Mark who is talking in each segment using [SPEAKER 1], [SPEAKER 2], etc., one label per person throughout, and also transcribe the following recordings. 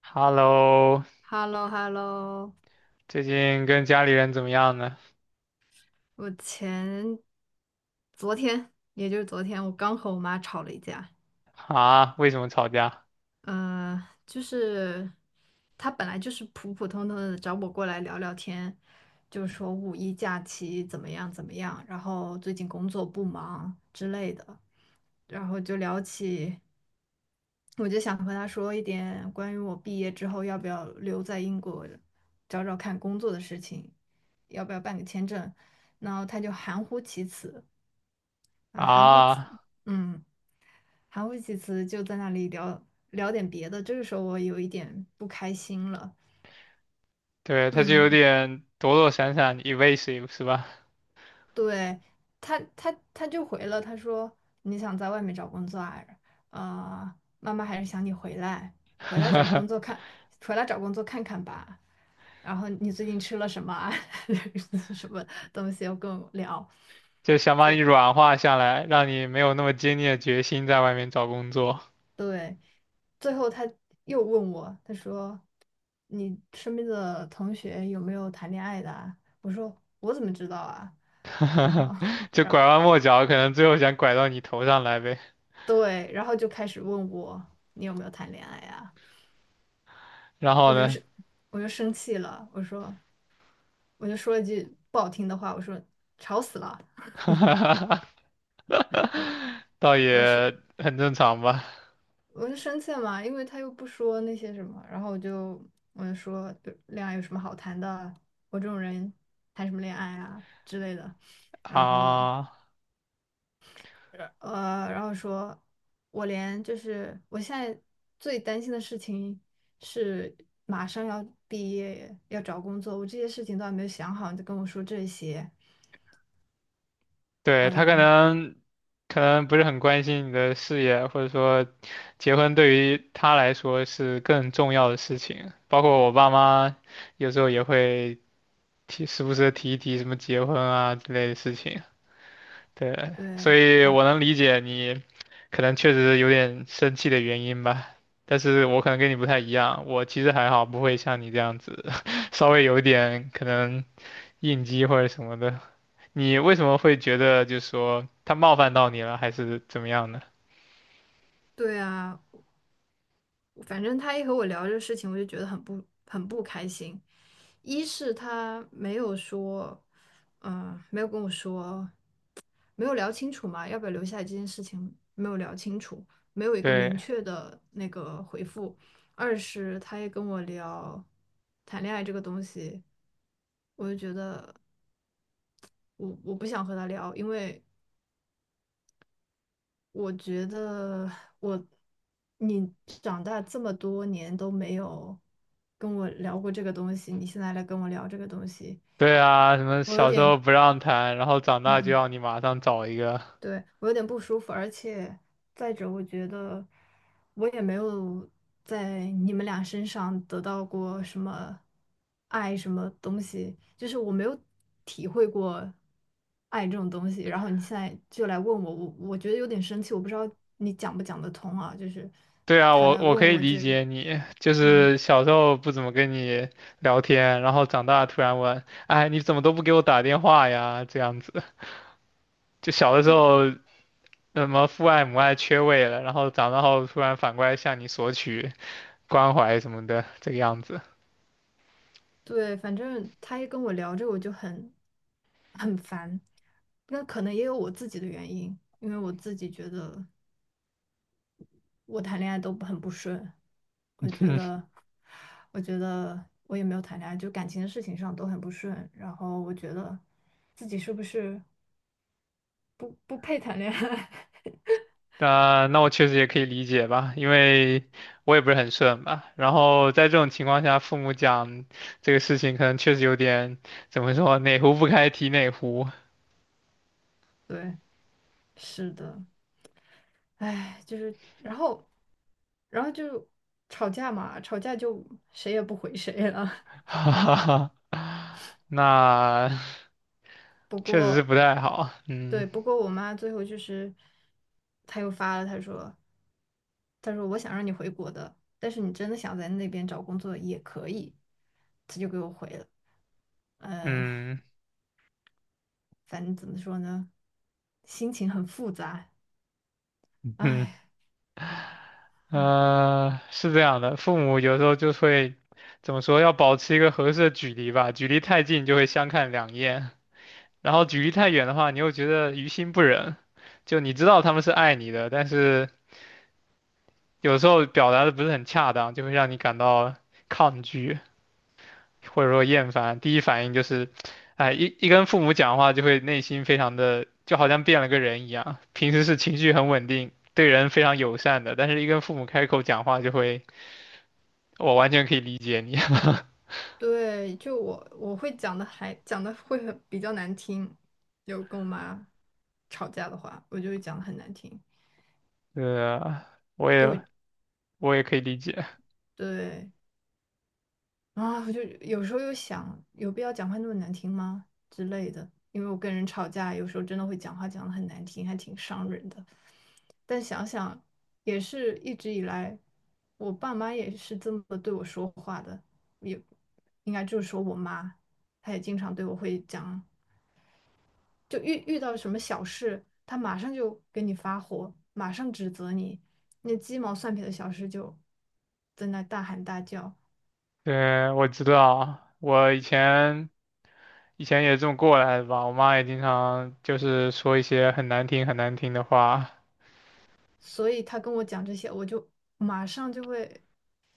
[SPEAKER 1] Hello，
[SPEAKER 2] h e l l o h e l l o
[SPEAKER 1] 最近跟家里人怎么样呢？
[SPEAKER 2] 我前昨天，也就是昨天，我刚和我妈吵了一架。
[SPEAKER 1] 啊，为什么吵架？
[SPEAKER 2] 呃，就是她本来就是普普通通的找我过来聊聊天，就说五一假期怎么样怎么样，然后最近工作不忙之类的，然后就聊起，我就想和她说一点关于我毕业之后要不要留在英国找找看工作的事情，要不要办个签证，然后她就含糊其辞。啊，含糊其
[SPEAKER 1] 啊，
[SPEAKER 2] 嗯，含糊其辞，就在那里聊点别的。这个时候我有一点不开心了。
[SPEAKER 1] 对，他就有
[SPEAKER 2] 嗯，
[SPEAKER 1] 点躲躲闪闪，evasive 是吧？
[SPEAKER 2] 对，他就回了，他说你想在外面找工作啊？妈妈还是想你回来，回来找工作 看，回来找工作看看吧。然后你最近吃了什么啊？什么东西要跟我聊？
[SPEAKER 1] 就想把你
[SPEAKER 2] 结
[SPEAKER 1] 软化下来，让你没有那么坚定的决心在外面找工作，
[SPEAKER 2] 对，最后他又问我，他说：“你身边的同学有没有谈恋爱的啊？”我说：“我怎么知道啊？”然后，
[SPEAKER 1] 就
[SPEAKER 2] 然后
[SPEAKER 1] 拐弯抹角，可能最后想拐到你头上来呗。
[SPEAKER 2] 对，然后就开始问我你有没有谈恋爱啊？
[SPEAKER 1] 然后
[SPEAKER 2] 我就
[SPEAKER 1] 呢，
[SPEAKER 2] 是我就生气了，我说我就说了一句不好听的话，我说吵死了，我
[SPEAKER 1] 倒
[SPEAKER 2] 我是
[SPEAKER 1] 也很正常吧。
[SPEAKER 2] 我就生气了嘛，因为他又不说那些什么，然后我就说就恋爱有什么好谈的？我这种人谈什么恋爱啊之类的。然后
[SPEAKER 1] 啊，
[SPEAKER 2] 然后说，就是我现在最担心的事情是马上要毕业，要找工作，我这些事情都还没有想好，你就跟我说这些
[SPEAKER 1] 对，他可
[SPEAKER 2] 啊，
[SPEAKER 1] 能可能不是很关心你的事业，或者说结婚对于他来说是更重要的事情。包括我爸妈有时候也会提，时不时的提一提什么结婚啊之类的事情。对，所
[SPEAKER 2] 对，
[SPEAKER 1] 以我
[SPEAKER 2] 啊，
[SPEAKER 1] 能理解你可能确实有点生气的原因吧。但是我可能跟你不太一样，我其实还好，不会像你这样子，稍微有一点可能应激或者什么的。你为什么会觉得就是说他冒犯到你了，还是怎么样呢？
[SPEAKER 2] 对啊，反正他一和我聊这个事情，我就觉得很不开心。一是他没有说，没有跟我说，没有聊清楚嘛，要不要留下来这件事情没有聊清楚，没有一个明
[SPEAKER 1] 对
[SPEAKER 2] 确的那个回复。二是他也跟我聊谈恋爱这个东西，我就觉得我不想和他聊，因为我觉得我，你长大这么多年都没有跟我聊过这个东西，你现在来跟我聊这个东西，
[SPEAKER 1] 对啊，什么
[SPEAKER 2] 我有
[SPEAKER 1] 小时
[SPEAKER 2] 点，
[SPEAKER 1] 候不让谈，然后长大就
[SPEAKER 2] 嗯
[SPEAKER 1] 要你马上找一个。
[SPEAKER 2] 对，我有点不舒服，而且再者，我觉得我也没有在你们俩身上得到过什么爱，什么东西，就是我没有体会过爱这种东西。然后你现在就来问我，我觉得有点生气，我不知道你讲不讲得通啊，就是
[SPEAKER 1] 对啊，
[SPEAKER 2] 他
[SPEAKER 1] 我
[SPEAKER 2] 来
[SPEAKER 1] 我可
[SPEAKER 2] 问
[SPEAKER 1] 以
[SPEAKER 2] 我
[SPEAKER 1] 理
[SPEAKER 2] 这个
[SPEAKER 1] 解你，就
[SPEAKER 2] 嗯，
[SPEAKER 1] 是小时候不怎么跟你聊天，然后长大突然问，哎，你怎么都不给我打电话呀？这样子，就小的时
[SPEAKER 2] 对
[SPEAKER 1] 候什么父爱母爱缺位了，然后长大后突然反过来向你索取关怀什么的，这个样子。
[SPEAKER 2] 对，反正他一跟我聊这个，我就很烦。那可能也有我自己的原因，因为我自己觉得。我谈恋爱都很不顺，我觉 得，我觉得我也没有谈恋爱，就感情的事情上都很不顺。然后我觉得自己是不是不配谈恋爱？
[SPEAKER 1] 那我确实也可以理解吧，因为我也不是很顺吧。然后在这种情况下，父母讲这个事情，可能确实有点怎么说，哪壶不开提哪壶，
[SPEAKER 2] 对，是的，唉，就是，然后，然后就吵架嘛，吵架就谁也不回谁了。
[SPEAKER 1] 哈哈哈。那
[SPEAKER 2] 不
[SPEAKER 1] 确实是
[SPEAKER 2] 过，
[SPEAKER 1] 不太好。
[SPEAKER 2] 对，
[SPEAKER 1] 嗯
[SPEAKER 2] 不过我妈最后就是，她又发了，她说。他说我想让你回国的，但是你真的想在那边找工作也可以。他就给我回了，呃，
[SPEAKER 1] 嗯
[SPEAKER 2] 反正怎么说呢，心情很复杂，
[SPEAKER 1] 嗯，
[SPEAKER 2] 唉。
[SPEAKER 1] 是这样的，父母有时候就会怎么说，要保持一个合适的距离吧，距离太近就会相看两厌，然后距离太远的话，你又觉得于心不忍。就你知道他们是爱你的，但是有时候表达的不是很恰当，就会让你感到抗拒或者说厌烦。第一反应就是，哎，一跟父母讲话就会内心非常的，就好像变了个人一样。平时是情绪很稳定，对人非常友善的，但是一跟父母开口讲话就会，我完全可以理解你。
[SPEAKER 2] 对，就我会讲的还讲的会很比较难听，有跟我妈吵架的话，我就会讲的很难听，
[SPEAKER 1] 对啊，我
[SPEAKER 2] 因
[SPEAKER 1] 也
[SPEAKER 2] 为
[SPEAKER 1] 我也可以理解。
[SPEAKER 2] 对啊，我就有时候又想，有必要讲话那么难听吗之类的，因为我跟人吵架，有时候真的会讲话讲的很难听，还挺伤人的。但想想也是一直以来，我爸妈也是这么对我说话的，也应该就是说我妈，她也经常对我会讲，就遇到什么小事，她马上就给你发火，马上指责你，那鸡毛蒜皮的小事就在那大喊大叫，
[SPEAKER 1] 对，我知道，我以前也这么过来的吧。我妈也经常就是说一些很难听很难听的话。
[SPEAKER 2] 所以她跟我讲这些，我就马上就会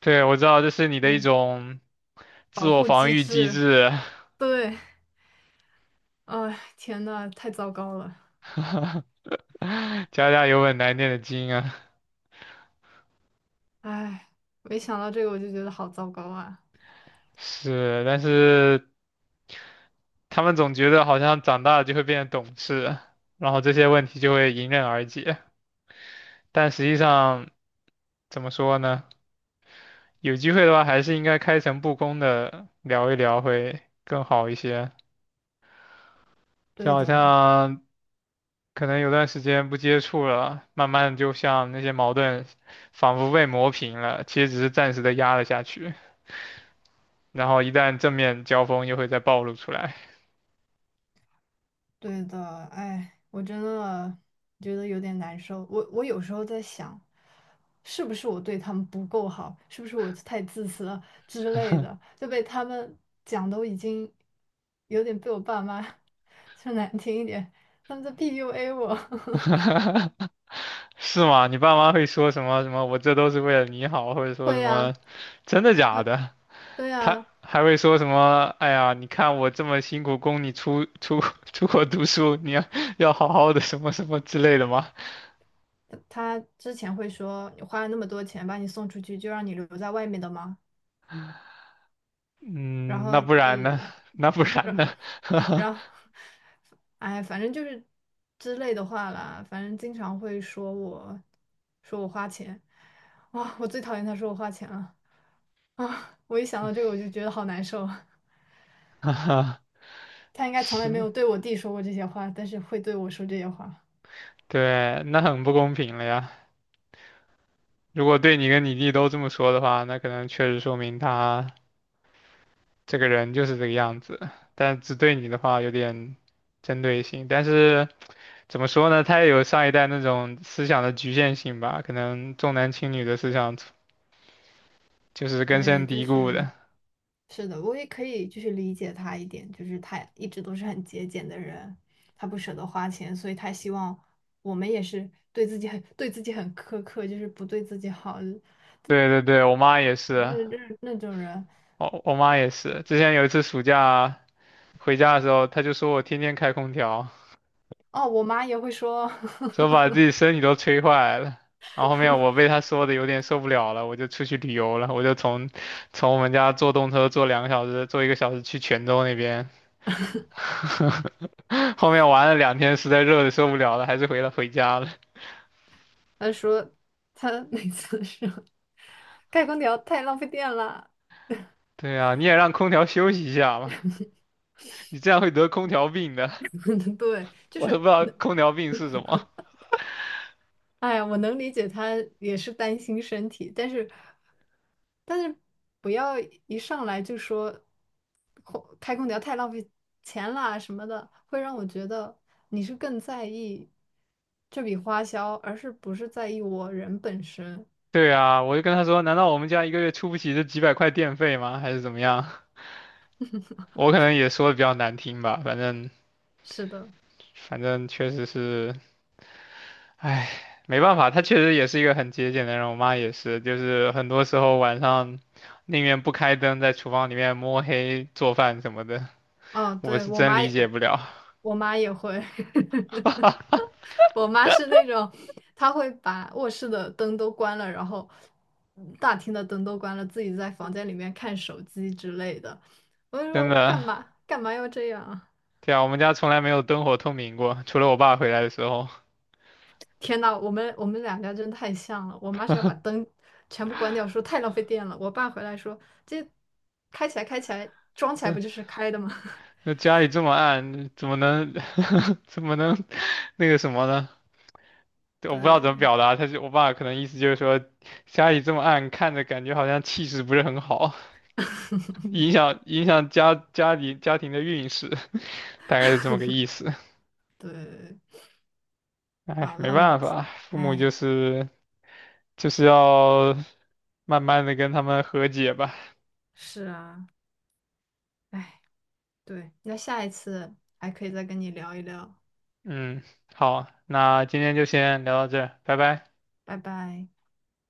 [SPEAKER 1] 对，我知道这是你的一种自
[SPEAKER 2] 保
[SPEAKER 1] 我
[SPEAKER 2] 护
[SPEAKER 1] 防
[SPEAKER 2] 机
[SPEAKER 1] 御机
[SPEAKER 2] 制，
[SPEAKER 1] 制，
[SPEAKER 2] 对，哎，天呐，太糟糕了，
[SPEAKER 1] 家家有本难念的经啊。
[SPEAKER 2] 哎，没想到这个我就觉得好糟糕啊。
[SPEAKER 1] 是，但是他们总觉得好像长大了就会变得懂事，然后这些问题就会迎刃而解。但实际上，怎么说呢？有机会的话，还是应该开诚布公的聊一聊会更好一些。就
[SPEAKER 2] 对
[SPEAKER 1] 好
[SPEAKER 2] 的，
[SPEAKER 1] 像可能有段时间不接触了，慢慢就像那些矛盾，仿佛被磨平了，其实只是暂时的压了下去，然后一旦正面交锋又会再暴露出来，
[SPEAKER 2] 对的，哎，我真的觉得有点难受。我有时候在想，是不是我对他们不够好，是不是我太自私了之类的，就被他们讲都已经有点被我爸妈 说难听一点，他们在 PUA 我。
[SPEAKER 1] 是吗？你爸妈会说什么什么？我这都是为了你好，或者说
[SPEAKER 2] 会
[SPEAKER 1] 什么，
[SPEAKER 2] 呀，
[SPEAKER 1] 真的假的？
[SPEAKER 2] 对
[SPEAKER 1] 他
[SPEAKER 2] 呀，
[SPEAKER 1] 还会说什么？哎呀，你看我这么辛苦供你出 出国读书，你要好好的什么什么之类的吗？
[SPEAKER 2] 他之前会说你花了那么多钱把你送出去，就让你留在外面的吗？然
[SPEAKER 1] 嗯，
[SPEAKER 2] 后，
[SPEAKER 1] 那不然
[SPEAKER 2] 呃，
[SPEAKER 1] 呢？那不然呢？
[SPEAKER 2] 然后，哎，反正就是之类的话啦，反正经常会说我，说我花钱，啊，我最讨厌他说我花钱了啊！我一想到这个我就觉得好难受。他应该从来没有
[SPEAKER 1] 是，
[SPEAKER 2] 对我弟说过这些话，但是会对我说这些话。
[SPEAKER 1] 对，那很不公平了呀。如果对你跟你弟都这么说的话，那可能确实说明他这个人就是这个样子，但只对你的话有点针对性。但是怎么说呢，他也有上一代那种思想的局限性吧，可能重男轻女的思想就是根
[SPEAKER 2] 对，
[SPEAKER 1] 深
[SPEAKER 2] 就
[SPEAKER 1] 蒂固
[SPEAKER 2] 是，
[SPEAKER 1] 的。
[SPEAKER 2] 是的，我也可以就是理解他一点，就是他一直都是很节俭的人，他不舍得花钱，所以他希望我们也是对自己很苛刻，就是不对自己好，
[SPEAKER 1] 对对对，我妈也是，
[SPEAKER 2] 那种人
[SPEAKER 1] 我妈也是。之前有一次暑假回家的时候，她就说我天天开空调。
[SPEAKER 2] 哦，我妈也会说，
[SPEAKER 1] 说把自己身体都吹坏了。然后后面我被他说的有点受不了了，我就出去旅游了，我就从我们家坐动车坐两个小时，坐一个小时去泉州那边。后面玩了两天，实在热的受不了了，还是回家了。
[SPEAKER 2] 她说她 每次说开空调太浪费电了。
[SPEAKER 1] 对啊，你也让空调休息一下嘛，你这样会得空调病的。
[SPEAKER 2] 对，就
[SPEAKER 1] 我都
[SPEAKER 2] 是
[SPEAKER 1] 不知道
[SPEAKER 2] 能，
[SPEAKER 1] 空调病是什么。
[SPEAKER 2] 哎呀，我能理解她也是担心身体，但是但是不要一上来就说开空调太浪费钱啦什么的，会让我觉得你是更在意这笔花销，而是不是在意我人本身。
[SPEAKER 1] 对啊，我就跟他说，难道我们家一个月出不起这几百块电费吗？还是怎么样？我可能也说的比较难听吧，反正
[SPEAKER 2] 是的。
[SPEAKER 1] 反正确实是。唉，没办法，他确实也是一个很节俭的人。我妈也是，就是很多时候晚上宁愿不开灯，在厨房里面摸黑做饭什么的，
[SPEAKER 2] 嗯，
[SPEAKER 1] 我
[SPEAKER 2] 对，
[SPEAKER 1] 是真理解不了。
[SPEAKER 2] 我妈也会，我妈是那种，她会把卧室的灯都关了，然后大厅的灯都关了，自己在房间里面看手机之类的。我就
[SPEAKER 1] 真
[SPEAKER 2] 说
[SPEAKER 1] 的，
[SPEAKER 2] 干嘛要这样啊？
[SPEAKER 1] 对啊，我们家从来没有灯火通明过，除了我爸回来的时候。
[SPEAKER 2] 天呐，我们两家真太像了。我妈是要把灯全部关掉，说太浪费电了。我爸回来说这开起来开起来，装起来不就是开的吗？
[SPEAKER 1] 那家里这么暗，怎么能 怎么能那个什么呢？我不知
[SPEAKER 2] 对，
[SPEAKER 1] 道怎么表达，他就我爸可能意思就是说，家里这么暗，看着感觉好像气势不是很好。影响家里家庭的运势，大概是这么个意思。
[SPEAKER 2] 对，
[SPEAKER 1] 哎，
[SPEAKER 2] 啊，
[SPEAKER 1] 没
[SPEAKER 2] 那我们
[SPEAKER 1] 办法，父母就是要慢慢的跟他们和解吧。
[SPEAKER 2] 是啊，哎，对，那下一次还可以再跟你聊一聊，
[SPEAKER 1] 嗯，好，那今天就先聊到这儿，拜拜。
[SPEAKER 2] 拜拜。